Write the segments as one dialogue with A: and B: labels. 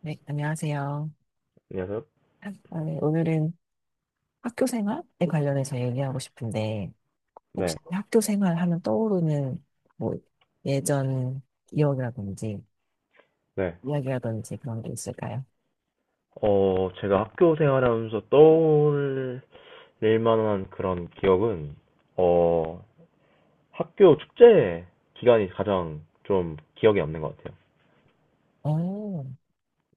A: 네, 안녕하세요.
B: 안녕하세요.
A: 아, 네, 오늘은 학교 생활에 관련해서 얘기하고 싶은데, 혹시
B: 네,
A: 학교 생활 하면 떠오르는 뭐 예전 기억이라든지
B: 네.
A: 이야기라든지 그런 게 있을까요?
B: 어, 제가 학교 생활하면서 떠올릴 만한 그런 기억은, 어, 학교 축제 기간이 가장 좀 기억에 남는 것 같아요.
A: 어,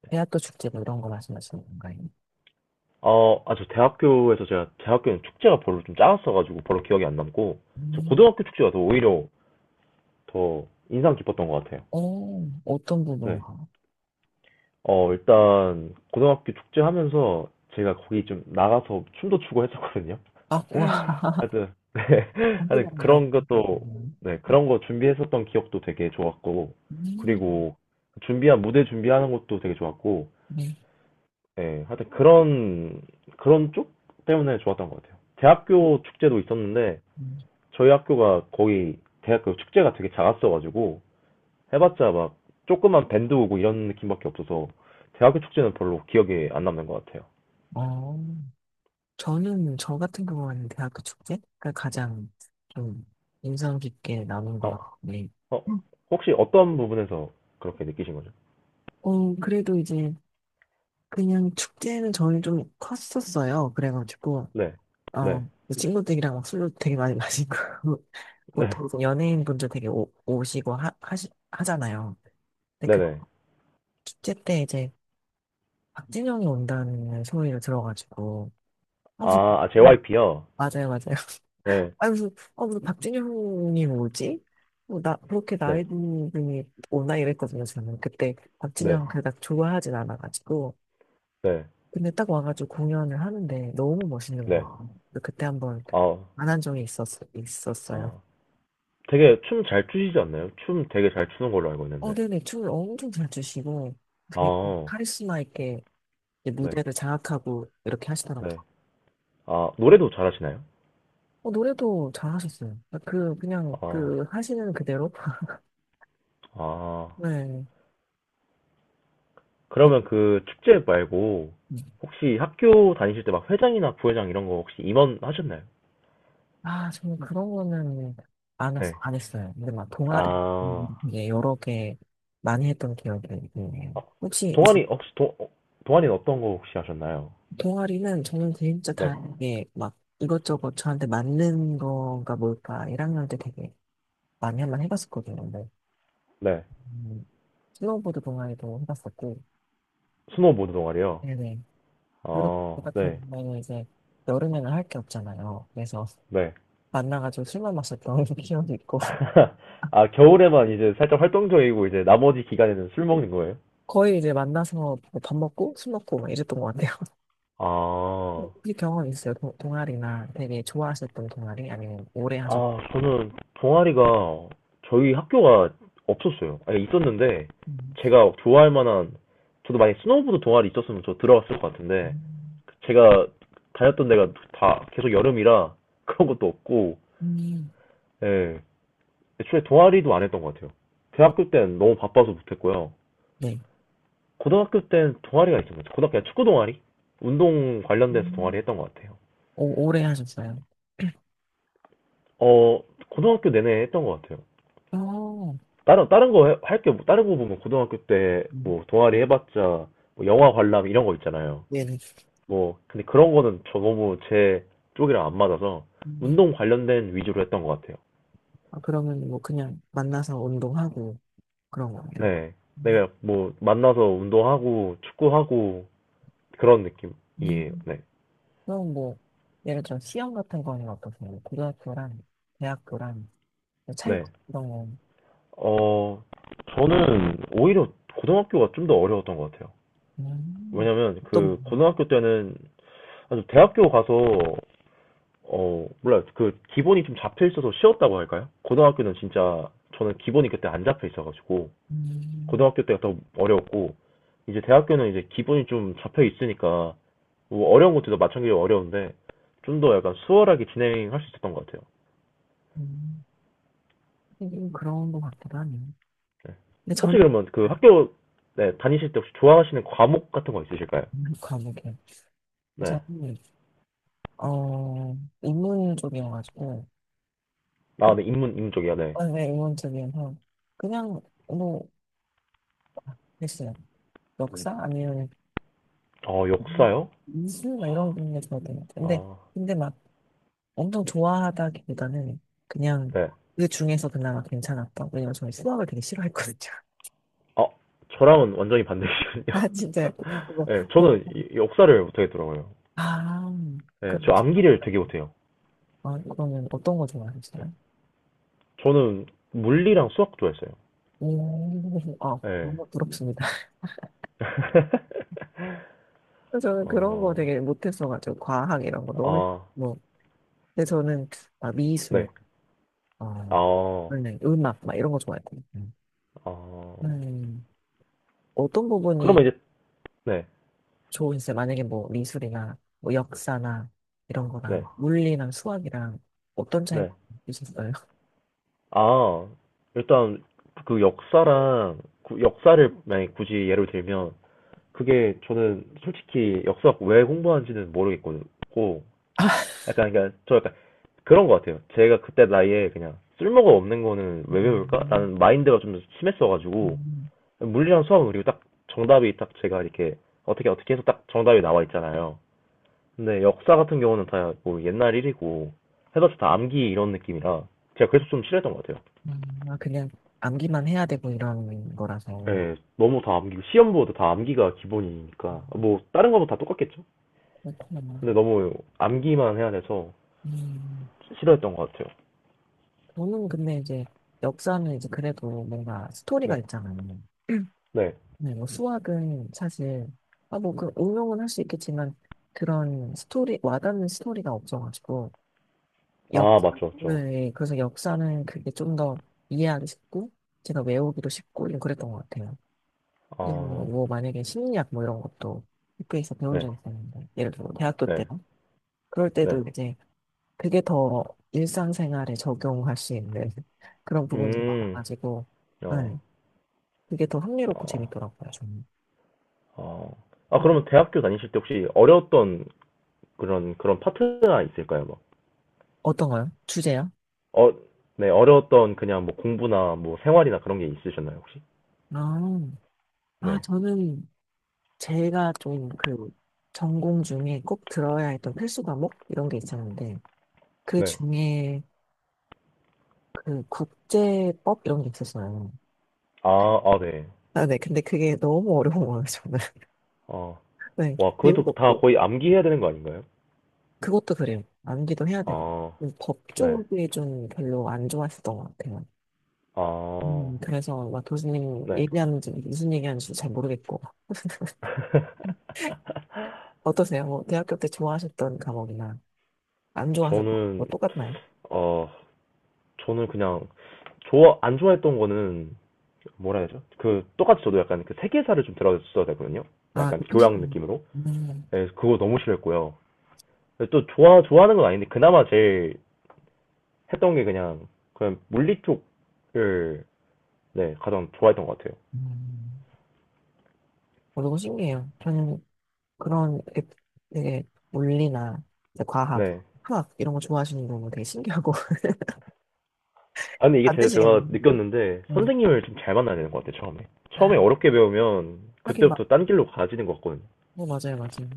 A: 대학교 축제 뭐 이런 거 말씀하시는 건가요?
B: 어, 아, 저 대학교에서 제가, 제 학교는 축제가 별로 좀 작았어가지고 별로 기억이 안 남고, 저
A: 음,
B: 고등학교 축제가 더 오히려 더 인상 깊었던 것 같아요.
A: 어, 어떤
B: 네.
A: 부분인가?
B: 어, 일단, 고등학교 축제 하면서 제가 거기 좀 나가서 춤도 추고 했었거든요.
A: 아, 와,
B: 하여튼, 네. 하여튼
A: 감기랑 이런 거.
B: 그런 것도, 네. 그런 거 준비했었던 기억도 되게 좋았고,
A: 음,
B: 그리고 준비한, 무대 준비하는 것도 되게 좋았고,
A: 네.
B: 예. 하여튼 그런, 그런 쪽 때문에 좋았던 것 같아요. 대학교 축제도 있었는데,
A: 음.
B: 저희 학교가 거의 대학교 축제가 되게 작았어가지고, 해봤자 막 조그만 밴드 오고 이런 느낌밖에 없어서, 대학교 축제는 별로 기억에 안 남는 것 같아요.
A: 어, 저는 저 같은 경우는 대학교 축제가 가장 좀 인상 깊게 남은 것
B: 어,
A: 같은데,
B: 어,
A: 음.
B: 혹시 어떤 부분에서 그렇게 느끼신 거죠?
A: 어, 그래도 이제 그냥 축제는 저는 좀 컸었어요. 그래가지고,
B: 네, 네.
A: 어, 그 친구들이랑 막 술도 되게 많이 마시고,
B: 네.
A: 보통 이제 연예인분들 되게 오시고 하잖아요. 근데 그
B: 네네.
A: 축제 때 이제 박진영이 온다는 소리를 들어가지고, 아, 그래서,
B: 아, 아,
A: 음,
B: JYP요?
A: 맞아요, 맞아요.
B: 네.
A: 아니 무슨 아 무슨 박진영이 뭐지? 뭐 나 그렇게
B: 네.
A: 나이 든 분이 오나 이랬거든요. 저는 그때
B: 네.
A: 박진영 그닥 좋아하진 않아가지고
B: 네.
A: 근데 딱 와가지고 공연을 하는데 너무 멋있는
B: 네.
A: 거예요. 그래서 그때 한번
B: 아,
A: 만난 적이 있었어요.
B: 아. 되게 춤 잘 추시지 않나요? 춤 되게 잘 추는 걸로 알고
A: 어
B: 있는데.
A: 네네, 춤을 엄청 잘 추시고 되게 그
B: 아,
A: 카리스마 있게 이제
B: 네.
A: 무대를 장악하고 이렇게
B: 네.
A: 하시더라고요.
B: 아, 노래도 잘하시나요?
A: 어, 노래도 잘하셨어요. 그 그냥
B: 아,
A: 그 하시는 그대로.
B: 아.
A: 네. 어,
B: 그러면 그 축제 말고
A: 음.
B: 혹시 학교 다니실 때 막 회장이나 부회장 이런 거 혹시 임원 하셨나요?
A: 아, 저는 그런 거는 안, 했,
B: 네.
A: 안 했어요. 근데 막 동아리
B: 아,
A: 이게 여러 개 많이 했던 기억이 있네요.
B: 아,
A: 혹시 이-
B: 동아리 혹시 어, 동아리는 어떤 거 혹시 하셨나요?
A: 동아리는 저는 진짜 다
B: 네.
A: 이게 막 이것저것 저한테 맞는 건가 뭘까 1학년 때 되게 많이 한번 해봤었거든요. 근데
B: 네.
A: 음, 스노우보드 동아리도 해봤었고,
B: 스노우보드 동아리요?
A: 네네. 그룹
B: 어,
A: 같은
B: 네,
A: 경우는 이제 여름에는 할 게 없잖아요. 그래서
B: 네.
A: 만나가지고 술만 마셨던 기억이 있고,
B: 아, 겨울에만 이제 살짝 활동적이고 이제 나머지 기간에는 술 먹는 거예요?
A: 거의 이제 만나서 뭐 밥 먹고 술 먹고 막 이랬던 것 같아요.
B: 아,
A: 혹시 경험 있어요? 동아리나 되게 좋아하셨던 동아리 아니면 오래 하셨?
B: 아, 저는 동아리가 저희 학교가 없었어요. 아니, 있었는데
A: 음,
B: 제가 좋아할 만한 저도 만약에 스노우보드 동아리 있었으면 저 들어갔을 것 같은데
A: 음,
B: 제가 다녔던 데가 다 계속 여름이라 그런 것도 없고
A: 음,
B: 예, 애초에 동아리도 안 했던 것 같아요.
A: 어,
B: 대학교 때는 너무 바빠서 못했고요.
A: 네.
B: 고등학교 땐 동아리가 있었죠. 고등학교 축구 동아리? 운동 관련돼서 동아리
A: 음.
B: 했던 것 같아요.
A: 오, 오래 하셨어요.
B: 어, 고등학교 내내 했던 것 같아요.
A: 어,
B: 다른 거 할 게, 뭐, 다른 거 보면 고등학교 때
A: 음,
B: 뭐 동아리 해봤자 뭐 영화 관람 이런 거 있잖아요.
A: 네네.
B: 뭐, 근데 그런 거는 저 너무 제 쪽이랑 안 맞아서
A: 음.
B: 운동 관련된 위주로 했던 것 같아요.
A: 아, 그러면 뭐 그냥 만나서 운동하고 그런 거예요.
B: 네.
A: 음,
B: 내가 뭐 만나서 운동하고 축구하고 그런 느낌이에요.
A: 음.
B: 네.
A: 그럼 뭐 예를 들어 시험 같은 거는 어떠세요? 고등학교랑 대학교랑 차이
B: 네.
A: 그런 거.
B: 어, 저는 오히려 고등학교가 좀 더 어려웠던 것 같아요.
A: 음.
B: 왜냐면
A: 어떤
B: 그
A: 부분?
B: 고등학교 때는 아주 대학교 가서 어, 몰라요. 그 기본이 좀 잡혀 있어서 쉬웠다고 할까요? 고등학교는 진짜 저는 기본이 그때 안 잡혀 있어가지고
A: 음,
B: 고등학교 때가 더 어려웠고 이제 대학교는 이제 기본이 좀 잡혀 있으니까 뭐 어려운 것들도 마찬가지로 어려운데 좀 더 약간 수월하게 진행할 수 있었던 것 같아요.
A: 음. 하긴 좀 그런 거 같기도 하네요. 근데
B: 혹시
A: 저는
B: 그러면 그
A: 안
B: 학교 네, 다니실 때 혹시 좋아하시는 과목 같은 거 있으실까요?
A: 는 과목이에요.
B: 네.
A: 저는 어 인문 쪽이어가지고 그래
B: 아, 네, 인문 쪽이요, 네.
A: 어, 네, 인문 쪽이어서 그냥 뭐 했어요. 네. 역사 아니면
B: 어, 역사요?
A: 미술 막 이런 게 좋았던 것 같아요. 근데
B: 아,
A: 근데 막 엄청 좋아하다기보다는 그냥
B: 네.
A: 그 중에서 그나마 괜찮았던. 왜냐면 저는 수학을 되게 싫어했거든요.
B: 아 저랑은 완전히 반대시거든요.
A: 아 진짜 뭐,
B: 네,
A: 뭐,
B: 저는 역사를 못하겠더라고요.
A: 아
B: 네,
A: 그럼
B: 저 암기를 되게
A: 수학이요.
B: 못해요.
A: 아, 그러면 어떤 거 좋아하세요?
B: 저는 물리랑 수학 좋아했어요.
A: 오, 아,
B: 네.
A: 너무 부럽습니다. 저는 그런 거
B: 어,
A: 되게 못했어가지고 과학 이런 거 너무
B: 아,
A: 뭐. 근데 저는 막 미술
B: 네.
A: 어
B: 아,
A: 원래 음악 막 이런 거 좋아했고
B: 아
A: 음, 어떤 부분이
B: 그러면 이제, 네,
A: 좋은지 만약에 뭐 미술이나 뭐 역사나 이런 거랑
B: 네,
A: 물리랑 수학이랑 어떤 차이
B: 네.
A: 있었어요?
B: 아, 일단 그 역사랑, 역사를 만약에 굳이 예를 들면, 그게 저는 솔직히 역사학 왜 공부하는지는 모르겠고 약간 그러니까 저 약간 그런 것 같아요. 제가 그때 나이에 그냥 쓸모가 없는 거는 왜 배울까?
A: 음,
B: 라는 마인드가 좀 심했어가지고
A: 음,
B: 물리랑 수학은 그리고 딱 정답이 딱 제가 이렇게 어떻게 어떻게 해서 딱 정답이 나와 있잖아요. 근데 역사 같은 경우는 다 뭐 옛날 일이고 해서 다 암기 이런 느낌이라 제가 그래서 좀 싫어했던 것 같아요.
A: 아, 그냥 암기만 해야 되고 이런 거라서.
B: 예, 너무 다 암기고 시험 보도 다 암기가 기본이니까
A: 음,
B: 뭐 다른 거보다 다 똑같겠죠.
A: 그렇구나.
B: 근데 너무 암기만 해야 돼서
A: 음,
B: 싫어했던 것 같아요.
A: 저는 근데 이제 역사는 이제 그래도 뭔가 스토리가
B: 네.
A: 있잖아요.
B: 네.
A: 네, 뭐 수학은 사실, 아, 뭐, 그, 응용은 할 수 있겠지만, 그런 스토리, 와닿는 스토리가 없어가지고, 역,
B: 아, 맞죠, 맞죠.
A: 네, 그래서 역사는 그게 좀 더 이해하기 쉽고, 제가 외우기도 쉽고, 좀 그랬던 것 같아요. 그리고 뭐,
B: 아,
A: 뭐 만약에 심리학 뭐 이런 것도 학교에서 배운
B: 네.
A: 적 있었는데, 예를 들어 뭐 대학교 때요.
B: 네.
A: 그럴
B: 네.
A: 때도 이제 그게 더 일상생활에 적용할 수 있는 그런 부분들이
B: 음.
A: 많아가지고,
B: 어.
A: 네. 그게 더 흥미롭고
B: 어.
A: 재밌더라고요, 저는.
B: 어. 아,
A: 음.
B: 그러면 대학교 다니실 때 혹시 어려웠던 그런 그런 파트가 있을까요? 막.
A: 어떤가요? 주제요?
B: 어, 네. 어려웠던 그냥 뭐 공부나 뭐 생활이나 그런 게 있으셨나요, 혹시?
A: 아, 아,
B: 네.
A: 저는 제가 좀 그 전공 중에 꼭 들어야 했던 필수 과목? 이런 게 있었는데, 그
B: 네.
A: 중에 그 국제법 이런 게 있었어요.
B: 아, 아, 네.
A: 아, 네. 근데 그게 너무 어려운 거예요, 저는.
B: 어.
A: 네.
B: 와, 그것도
A: 재미도
B: 다
A: 없고.
B: 거의 암기해야 되는 거 아닌가요?
A: 그것도 그래요. 암기도 해야 되고.
B: 아,
A: 법
B: 네.
A: 쪽이 좀 별로 안 좋아했었던 것 같아요.
B: 아,
A: 그래서 마토스님
B: 네.
A: 얘기하는지 무슨 얘기하는지 잘 모르겠고. 어떠세요? 뭐 대학교 때 좋아하셨던 과목이나 안 좋아하셨던 거
B: 저는
A: 똑같나요?
B: 어 저는 그냥 좋아 안 좋아했던 거는 뭐라 해야 되죠? 그 똑같이 저도 약간 그 세계사를 좀 들어줬어야 되거든요.
A: 아,
B: 약간
A: 그 필수.
B: 교양 느낌으로.
A: 음,
B: 예, 그거 너무 싫어했고요. 또 좋아하는 건 아닌데 그나마 제일 했던 게 그냥 물리 쪽을 네 가장 좋아했던 것 같아요.
A: 음. 어, 너무 신기해요. 저는 그런 게 되게 물리나 이제 과학,
B: 네.
A: 화학 이런 거 좋아하시는 거 되게 신기하고
B: 아 근데 이게
A: 반대시간
B: 제가
A: 있는데.
B: 느꼈는데
A: 네.
B: 선생님을 좀 잘 만나야 되는 것 같아요 처음에. 처음에
A: 아,
B: 어렵게 배우면
A: 하긴 막,
B: 그때부터 딴 길로 가지는 것 같거든요.
A: 네, 맞아요, 맞아요.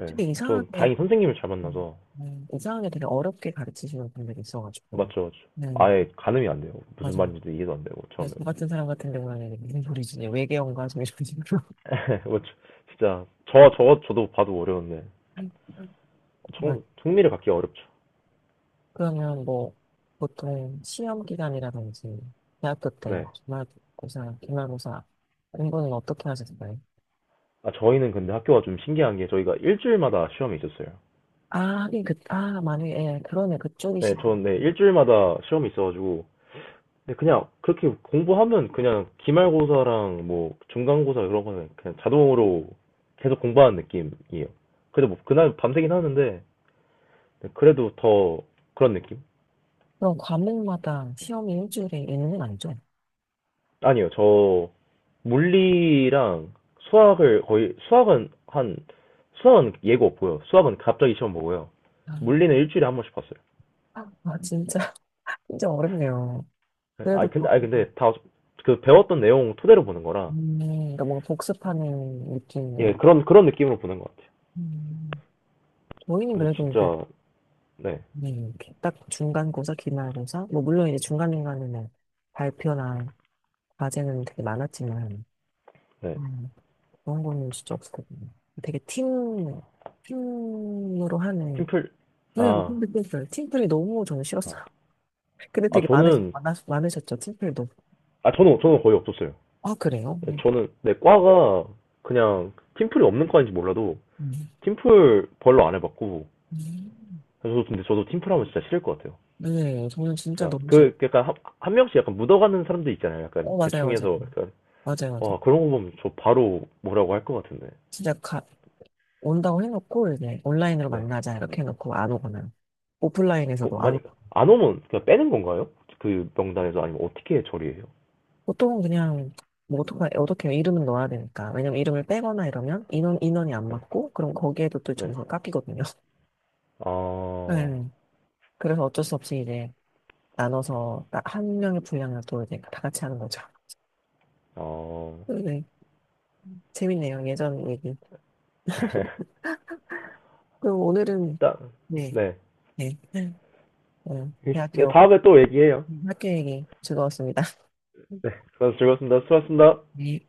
B: 예.
A: 근데
B: 전
A: 이상하게,
B: 다행히 선생님을 잘
A: 음,
B: 만나서
A: 이상하게 되게 어렵게 가르치시는 분들이 있어가지고.
B: 맞죠, 맞죠.
A: 네,
B: 아예 가늠이 안 돼요. 무슨
A: 맞아요.
B: 말인지도 이해도 안 되고,
A: 야, 저
B: 처음에는.
A: 같은 사람 같은 경우에는 무슨 소리지? 외계어인가? 좀 이런 식으로.
B: 맞죠. 진짜, 저거 저도 봐도 어려운데,
A: 막,
B: 흥미를 갖기 어렵죠.
A: 그러면 뭐, 보통 시험 기간이라든지, 대학교 때,
B: 네.
A: 기말고사, 공부는 어떻게 하셨어요?
B: 아, 저희는 근데 학교가 좀 신기한 게 저희가 일주일마다 시험이 있었어요.
A: 아, 하긴 그, 아, 만약에, 예, 그러네, 그쪽이시.
B: 네, 일주일마다 시험이 있어가지고, 근데 그냥 그렇게 공부하면 그냥 기말고사랑 뭐 중간고사 이런 거는 그냥 자동으로 계속 공부하는 느낌이에요. 그래도 뭐 그날 밤새긴 하는데, 그래도 더 그런 느낌?
A: 그럼 과목마다 시험이 일주일에 있는 건 아니죠?
B: 아니요, 저 물리랑 수학을 거의 수학은 예고 없고요. 수학은 갑자기 시험 보고요.
A: 아,
B: 물리는 일주일에 한 번씩 봤어요.
A: 아, 진짜, 진짜 어렵네요. 그래도, 그-
B: 아 근데 다 그 배웠던 내용 토대로 보는 거라
A: 그러니까 뭔가 복습하는 느낌.
B: 예 그런 그런 느낌으로 보는 것 같아요.
A: 음, 저희는
B: 그래서
A: 그래도 이제
B: 진짜 네,
A: 네, 이렇게 딱 중간고사, 기말고사. 뭐, 물론 이제 중간중간에는 발표나 과제는 되게 많았지만,
B: 네.
A: 음, 그런 거는 진짜 없었거든요. 되게 팀, 팀으로 하는,
B: 팀플
A: 네,
B: 아,
A: 근데 그랬어요. 팀플이 너무 저는
B: 아,
A: 싫었어요. 근데
B: 아,
A: 되게 많으,
B: 저는
A: 많 많으셨죠, 팀플도.
B: 아 저는 거의 없었어요.
A: 아, 그래요? 네.
B: 저는 내 과가 그냥 팀플이 없는 과인지 몰라도
A: 음.
B: 팀플 별로 안 해봤고
A: 음.
B: 저도 근데 저도 팀플 하면 진짜 싫을 것 같아요.
A: 네, 저는 진짜
B: 진짜
A: 너무 싫어.
B: 그 약간 한 명씩 약간 묻어가는 사람들 있잖아요. 약간
A: 어, 맞아요,
B: 대충
A: 맞아요.
B: 해서 약간
A: 맞아요, 맞아요.
B: 와 그런 거 보면 저 바로 뭐라고 할 것 같은데.
A: 진짜 가, 온다고 해놓고, 이제 온라인으로
B: 네.
A: 만나자, 이렇게 해놓고 안 오거나.
B: 그
A: 오프라인에서도 안
B: 만약
A: 오고.
B: 안 오면 그냥 빼는 건가요? 그 명단에서 아니면 어떻게 처리해요?
A: 보통은 그냥 뭐 어떻게 해요? 이름은 넣어야 되니까. 왜냐면 이름을 빼거나 이러면 인원, 인원이 안
B: 네.
A: 맞고, 그럼 거기에도 또
B: 네.
A: 점수가 깎이거든요.
B: 어,
A: 네. 그래서 어쩔 수 없이 이제 나눠서 딱한 명의 분량을 또 이제 다 같이 하는 거죠.
B: 어.
A: 네. 네. 재밌네요. 예전 얘기. 그리고 오늘은,
B: 일단
A: 네,
B: 네.
A: 네, 네. 어,
B: 네
A: 대학교
B: 다음에 또 얘기해요.
A: 학교 얘기 즐거웠습니다.
B: 네. 그래서 즐거웠습니다. 수고하셨습니다.
A: 네.